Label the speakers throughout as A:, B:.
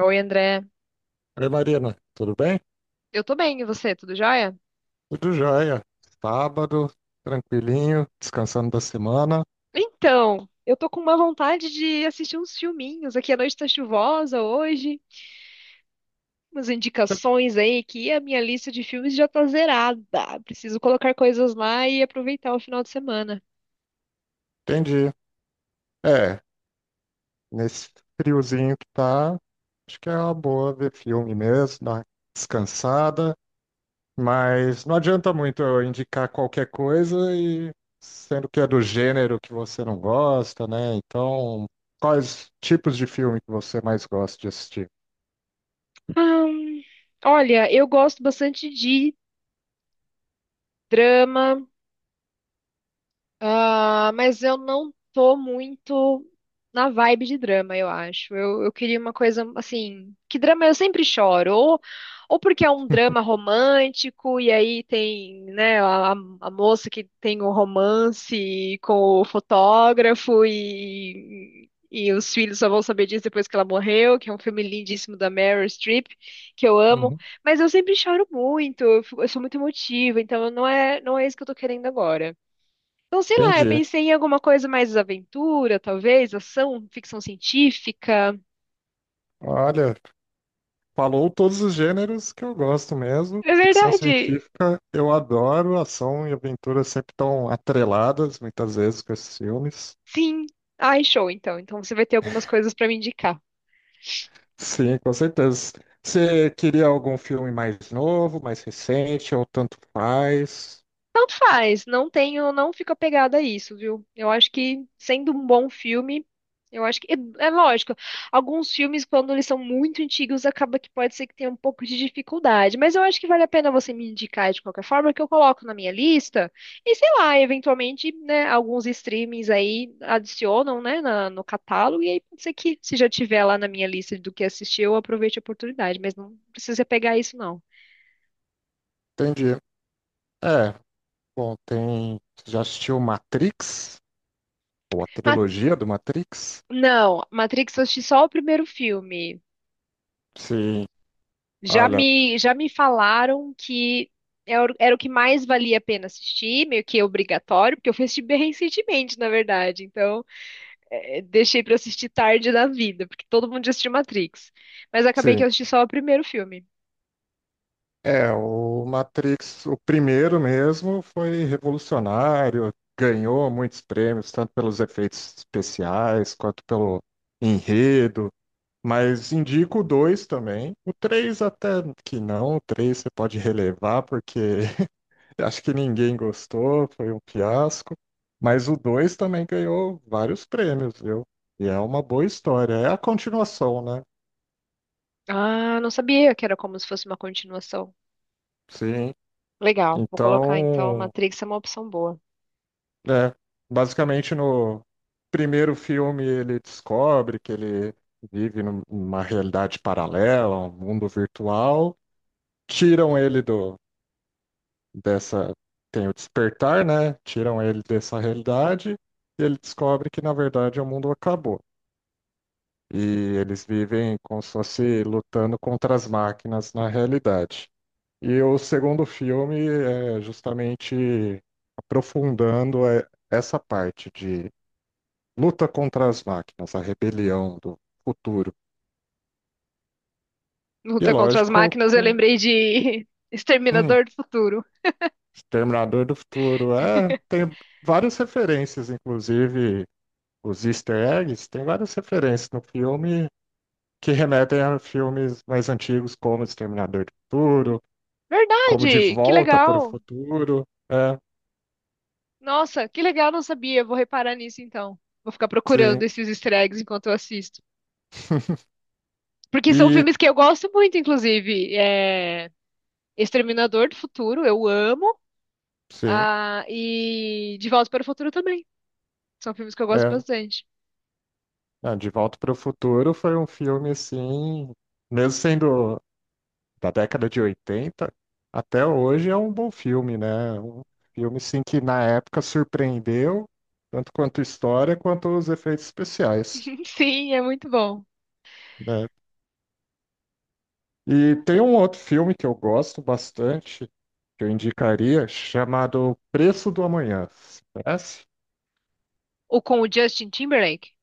A: Oi, André.
B: Oi, Marina, tudo bem?
A: Eu tô bem, e você? Tudo jóia?
B: Tudo jóia. Sábado, tranquilinho, descansando da semana.
A: Então, eu tô com uma vontade de assistir uns filminhos. Aqui a noite tá chuvosa hoje. Umas indicações aí que a minha lista de filmes já tá zerada. Preciso colocar coisas lá e aproveitar o final de semana.
B: Entendi. É, Nesse friozinho que tá, acho que é uma boa ver filme mesmo, dar uma descansada, mas não adianta muito eu indicar qualquer coisa e sendo que é do gênero que você não gosta, né? Então, quais tipos de filme que você mais gosta de assistir?
A: Ahn, Olha, eu gosto bastante de drama. Ah, mas eu não tô muito na vibe de drama, eu acho. Eu queria uma coisa assim, que drama eu sempre choro, ou porque é um drama romântico, e aí tem, né, a moça que tem um romance com o fotógrafo e os filhos só vão saber disso depois que ela morreu, que é um filme lindíssimo da Meryl Streep, que eu amo,
B: Uhum.
A: mas eu sempre choro muito, eu, eu sou muito emotiva, então não é isso que eu tô querendo agora. Então, sei lá, eu
B: Entendi.
A: pensei em alguma coisa mais aventura, talvez, ação, ficção científica.
B: Olha. Falou todos os gêneros que eu gosto mesmo.
A: É
B: Ficção
A: verdade.
B: científica, eu adoro. Ação e aventura sempre estão atreladas, muitas vezes, com esses filmes.
A: Sim. Ai, show, então. Então você vai ter algumas coisas pra me indicar.
B: Sim, com certeza. Você queria algum filme mais novo, mais recente, ou tanto faz?
A: Tanto faz, não fico apegada a isso, viu? Eu acho que sendo um bom filme, eu acho é lógico. Alguns filmes, quando eles são muito antigos, acaba que pode ser que tenha um pouco de dificuldade, mas eu acho que vale a pena você me indicar de qualquer forma, que eu coloco na minha lista e sei lá, eventualmente, né, alguns streamings aí adicionam, né, no catálogo e aí pode ser que se já tiver lá na minha lista do que assistir, eu aproveite a oportunidade, mas não precisa pegar isso não.
B: Entendi. É, Bom, tem. Você já assistiu Matrix? Ou a
A: Mas
B: trilogia do Matrix?
A: não, Matrix eu assisti só o primeiro filme.
B: Sim,
A: Já
B: olha,
A: me, já me falaram que era o que mais valia a pena assistir, meio que obrigatório, porque eu fui assistir bem recentemente, na verdade. Então, deixei pra assistir tarde da vida, porque todo mundo já assistiu Matrix. Mas acabei que
B: sim.
A: eu assisti só o primeiro filme.
B: É, o Matrix, o primeiro mesmo, foi revolucionário, ganhou muitos prêmios, tanto pelos efeitos especiais quanto pelo enredo. Mas indico o 2 também. O 3 até que não, o 3 você pode relevar, porque acho que ninguém gostou, foi um fiasco. Mas o 2 também ganhou vários prêmios, viu? E é uma boa história. É a continuação, né?
A: Ah, não sabia que era como se fosse uma continuação.
B: Sim.
A: Legal, vou colocar então.
B: Então,
A: Matrix é uma opção boa.
B: É, Basicamente no primeiro filme ele descobre que ele vive numa realidade paralela, um mundo virtual. Tiram ele do dessa Tem o despertar, né? Tiram ele dessa realidade e ele descobre que na verdade o mundo acabou. E eles vivem como se fosse lutando contra as máquinas na realidade. E o segundo filme é justamente aprofundando essa parte de luta contra as máquinas, a rebelião do futuro. E é
A: Luta contra as
B: lógico,
A: máquinas, eu
B: com
A: lembrei de
B: hum,
A: Exterminador do Futuro.
B: Exterminador do Futuro. É, tem várias referências, inclusive os Easter eggs, tem várias referências no filme que remetem a filmes mais antigos, como Exterminador do Futuro, como De
A: Verdade, que
B: Volta para o
A: legal.
B: Futuro.
A: Nossa, que legal, não sabia. Vou reparar nisso então. Vou ficar procurando
B: Sim.
A: esses easter eggs enquanto eu assisto. Porque são
B: E
A: filmes que eu gosto muito, inclusive. É... Exterminador do Futuro, eu amo.
B: sim,
A: Ah, e De Volta para o Futuro também. São filmes que eu gosto
B: é,
A: bastante.
B: De Volta para o Futuro foi um filme assim, mesmo sendo da década de 80 até hoje é um bom filme, né? Um filme sim que na época surpreendeu, tanto quanto história quanto os efeitos especiais,
A: Sim, é muito bom.
B: né? E tem um outro filme que eu gosto bastante, que eu indicaria, chamado Preço do Amanhã. Você conhece?
A: O com o Justin Timberlake?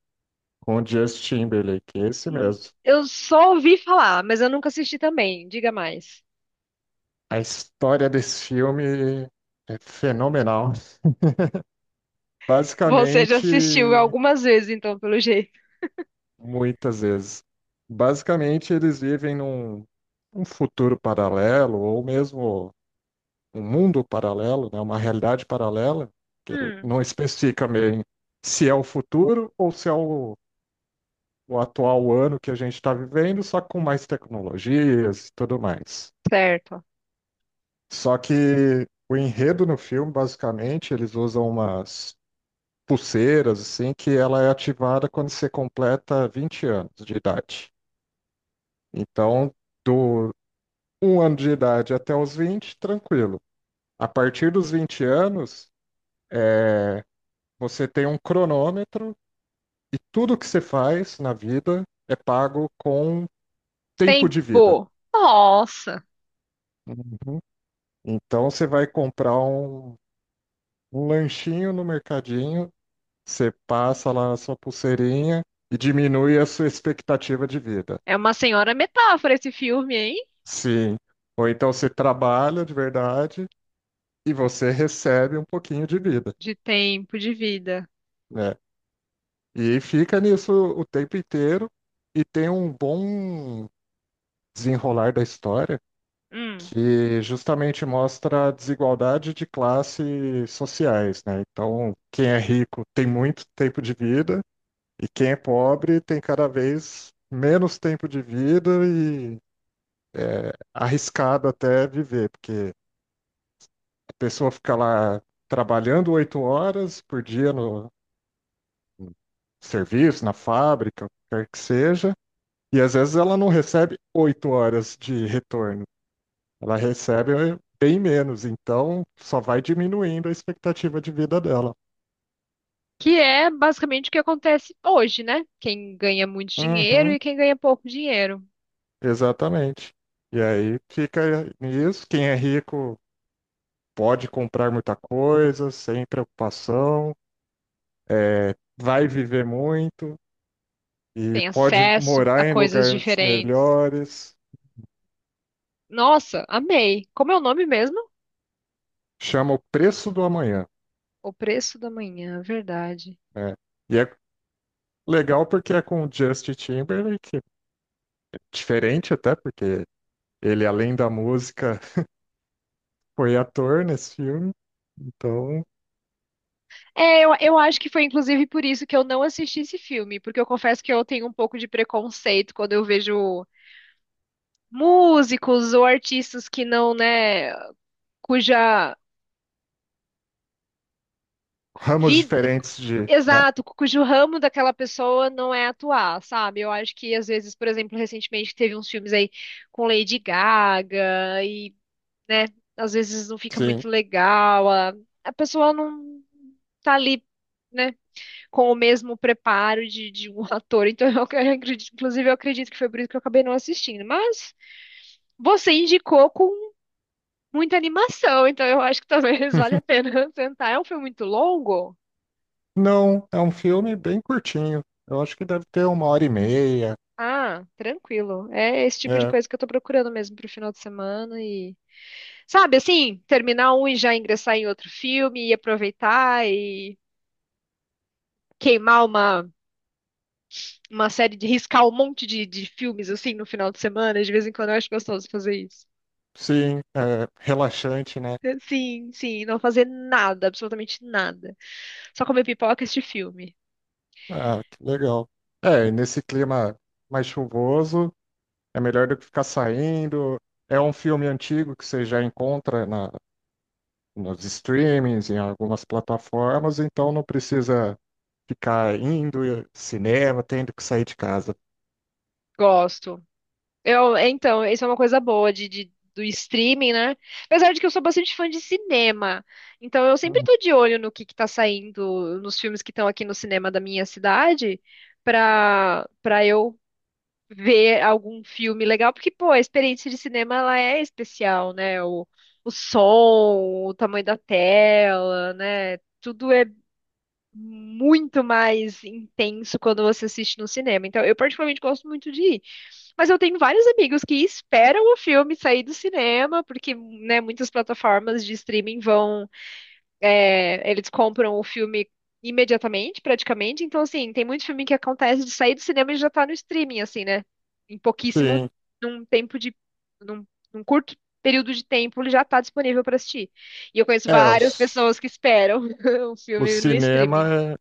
B: Com o Justin Timberlake, esse
A: Hum,
B: mesmo.
A: Eu só ouvi falar, mas eu nunca assisti também. Diga mais.
B: A história desse filme é fenomenal.
A: Você já assistiu
B: Basicamente,
A: algumas vezes, então, pelo jeito.
B: muitas vezes. Basicamente, eles vivem num, um futuro paralelo, ou mesmo um mundo paralelo, né? Uma realidade paralela, que
A: Hum,
B: não especifica bem se é o futuro ou se é o atual ano que a gente está vivendo, só com mais tecnologias e tudo mais.
A: certo.
B: Só que o enredo no filme, basicamente, eles usam umas pulseiras, assim, que ela é ativada quando você completa 20 anos de idade. Então, do 1 ano de idade até os 20 tranquilo. A partir dos 20 anos, é, você tem um cronômetro e tudo que você faz na vida é pago com tempo de vida.
A: Tempo. Nossa.
B: Uhum. Então você vai comprar um lanchinho no mercadinho, você passa lá a sua pulseirinha e diminui a sua expectativa de vida.
A: É uma senhora metáfora esse filme, hein?
B: Sim. Ou então você trabalha de verdade e você recebe um pouquinho de vida,
A: De tempo, de vida.
B: né? E fica nisso o tempo inteiro e tem um bom desenrolar da história
A: Hum.
B: que justamente mostra a desigualdade de classes sociais, né? Então, quem é rico tem muito tempo de vida e quem é pobre tem cada vez menos tempo de vida e arriscado até viver, porque a pessoa fica lá trabalhando 8 horas por dia no serviço, na fábrica, o que quer que seja. E às vezes ela não recebe 8 horas de retorno, ela recebe bem menos, então só vai diminuindo a expectativa de vida dela.
A: Que é basicamente o que acontece hoje, né? Quem ganha muito dinheiro
B: Uhum,
A: e quem ganha pouco dinheiro.
B: exatamente. E aí fica nisso, quem é rico pode comprar muita coisa, sem preocupação, vai viver muito e
A: Tem
B: pode
A: acesso
B: morar
A: a
B: em
A: coisas
B: lugares
A: diferentes.
B: melhores,
A: Nossa, amei. Como é o nome mesmo?
B: chama o Preço do Amanhã,
A: O Preço da Manhã, verdade.
B: né? E é legal porque é com o Justin Timberlake, diferente até porque ele, além da música, foi ator nesse filme, então
A: Eu acho que foi inclusive por isso que eu não assisti esse filme, porque eu confesso que eu tenho um pouco de preconceito quando eu vejo músicos ou artistas que não, né, cuja
B: ramos
A: vi-
B: diferentes de, né?
A: Exato, cujo ramo daquela pessoa não é atuar, sabe? Eu acho que às vezes, por exemplo, recentemente teve uns filmes aí com Lady né, às vezes não fica
B: Sim.
A: muito legal, a pessoa não tá ali, né, com o mesmo preparo de um ator. Então, acredito, inclusive, eu acredito que foi por isso que eu acabei não assistindo. Mas você indicou com muita animação, então eu acho que talvez valha a pena tentar. É um filme muito longo?
B: Não, é um filme bem curtinho. Eu acho que deve ter 1h30,
A: Ah, tranquilo. É esse tipo de
B: né?
A: coisa que eu tô procurando mesmo pro final de semana sabe, assim, terminar um e já ingressar em outro filme e aproveitar e queimar uma série de riscar um monte de filmes assim no final de semana. De vez em quando eu acho gostoso fazer isso.
B: Sim, é relaxante, né?
A: Sim, sim, não fazer nada, absolutamente nada. Só comer pipoca e assistir filme.
B: Ah, que legal. É, e nesse clima mais chuvoso, é melhor do que ficar saindo. É um filme antigo que você já encontra nos streamings, em algumas plataformas, então não precisa ficar indo ao cinema, tendo que sair de casa.
A: Gosto. Eu, então, isso é uma coisa boa do streaming, né? Apesar de que eu sou bastante fã de cinema, então eu sempre tô de olho no que tá saindo, nos filmes que estão aqui no cinema da minha cidade, pra eu ver algum filme legal, porque, pô, a experiência de cinema, ela é especial, né? O som, o tamanho da tela, né? Tudo é muito mais intenso quando você assiste no cinema. Então, eu particularmente gosto muito de ir. Mas eu tenho vários amigos que esperam o filme sair do cinema, porque, né, muitas plataformas de streaming eles compram o filme imediatamente, praticamente. Então, assim, tem muito filme que acontece de sair do cinema e já tá no streaming, assim, né? Em pouquíssimo,
B: Sim,
A: num tempo de, num, num curto período de tempo, ele já tá disponível para assistir. E eu conheço
B: é, o,
A: várias
B: c-
A: pessoas que esperam o
B: o
A: filme no
B: cinema,
A: streaming.
B: é-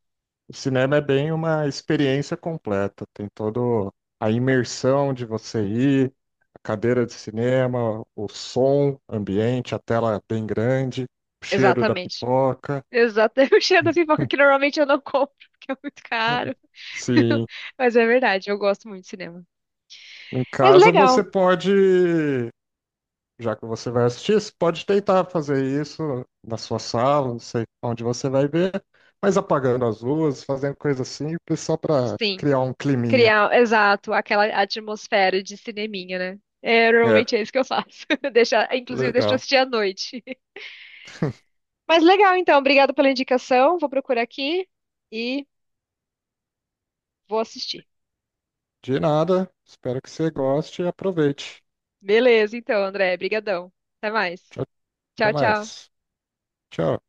B: o cinema é bem uma experiência completa, tem todo a imersão de você ir, a cadeira de cinema, o som, ambiente, a tela bem grande, o cheiro da
A: Exatamente.
B: pipoca.
A: Exato. Eu cheiro da pipoca que normalmente eu não compro, porque é muito
B: Hum,
A: caro.
B: Sim,
A: Mas é verdade, eu gosto muito de cinema.
B: em
A: Mas
B: casa você
A: legal,
B: pode Já que você vai assistir, você pode tentar fazer isso na sua sala, não sei onde você vai ver, mas apagando as luzes, fazendo coisa simples só para
A: sim.
B: criar um climinha.
A: Criar, exato, aquela atmosfera de cineminha, né? É, normalmente
B: É,
A: é isso que eu faço. Deixa, inclusive, deixa eu
B: legal.
A: assistir à noite. Mas legal, então. Obrigada pela indicação. Vou procurar aqui e vou assistir.
B: De nada, espero que você goste e aproveite.
A: Beleza, então, André. Brigadão. Até mais.
B: Tchau, até
A: Tchau, tchau.
B: mais. Tchau.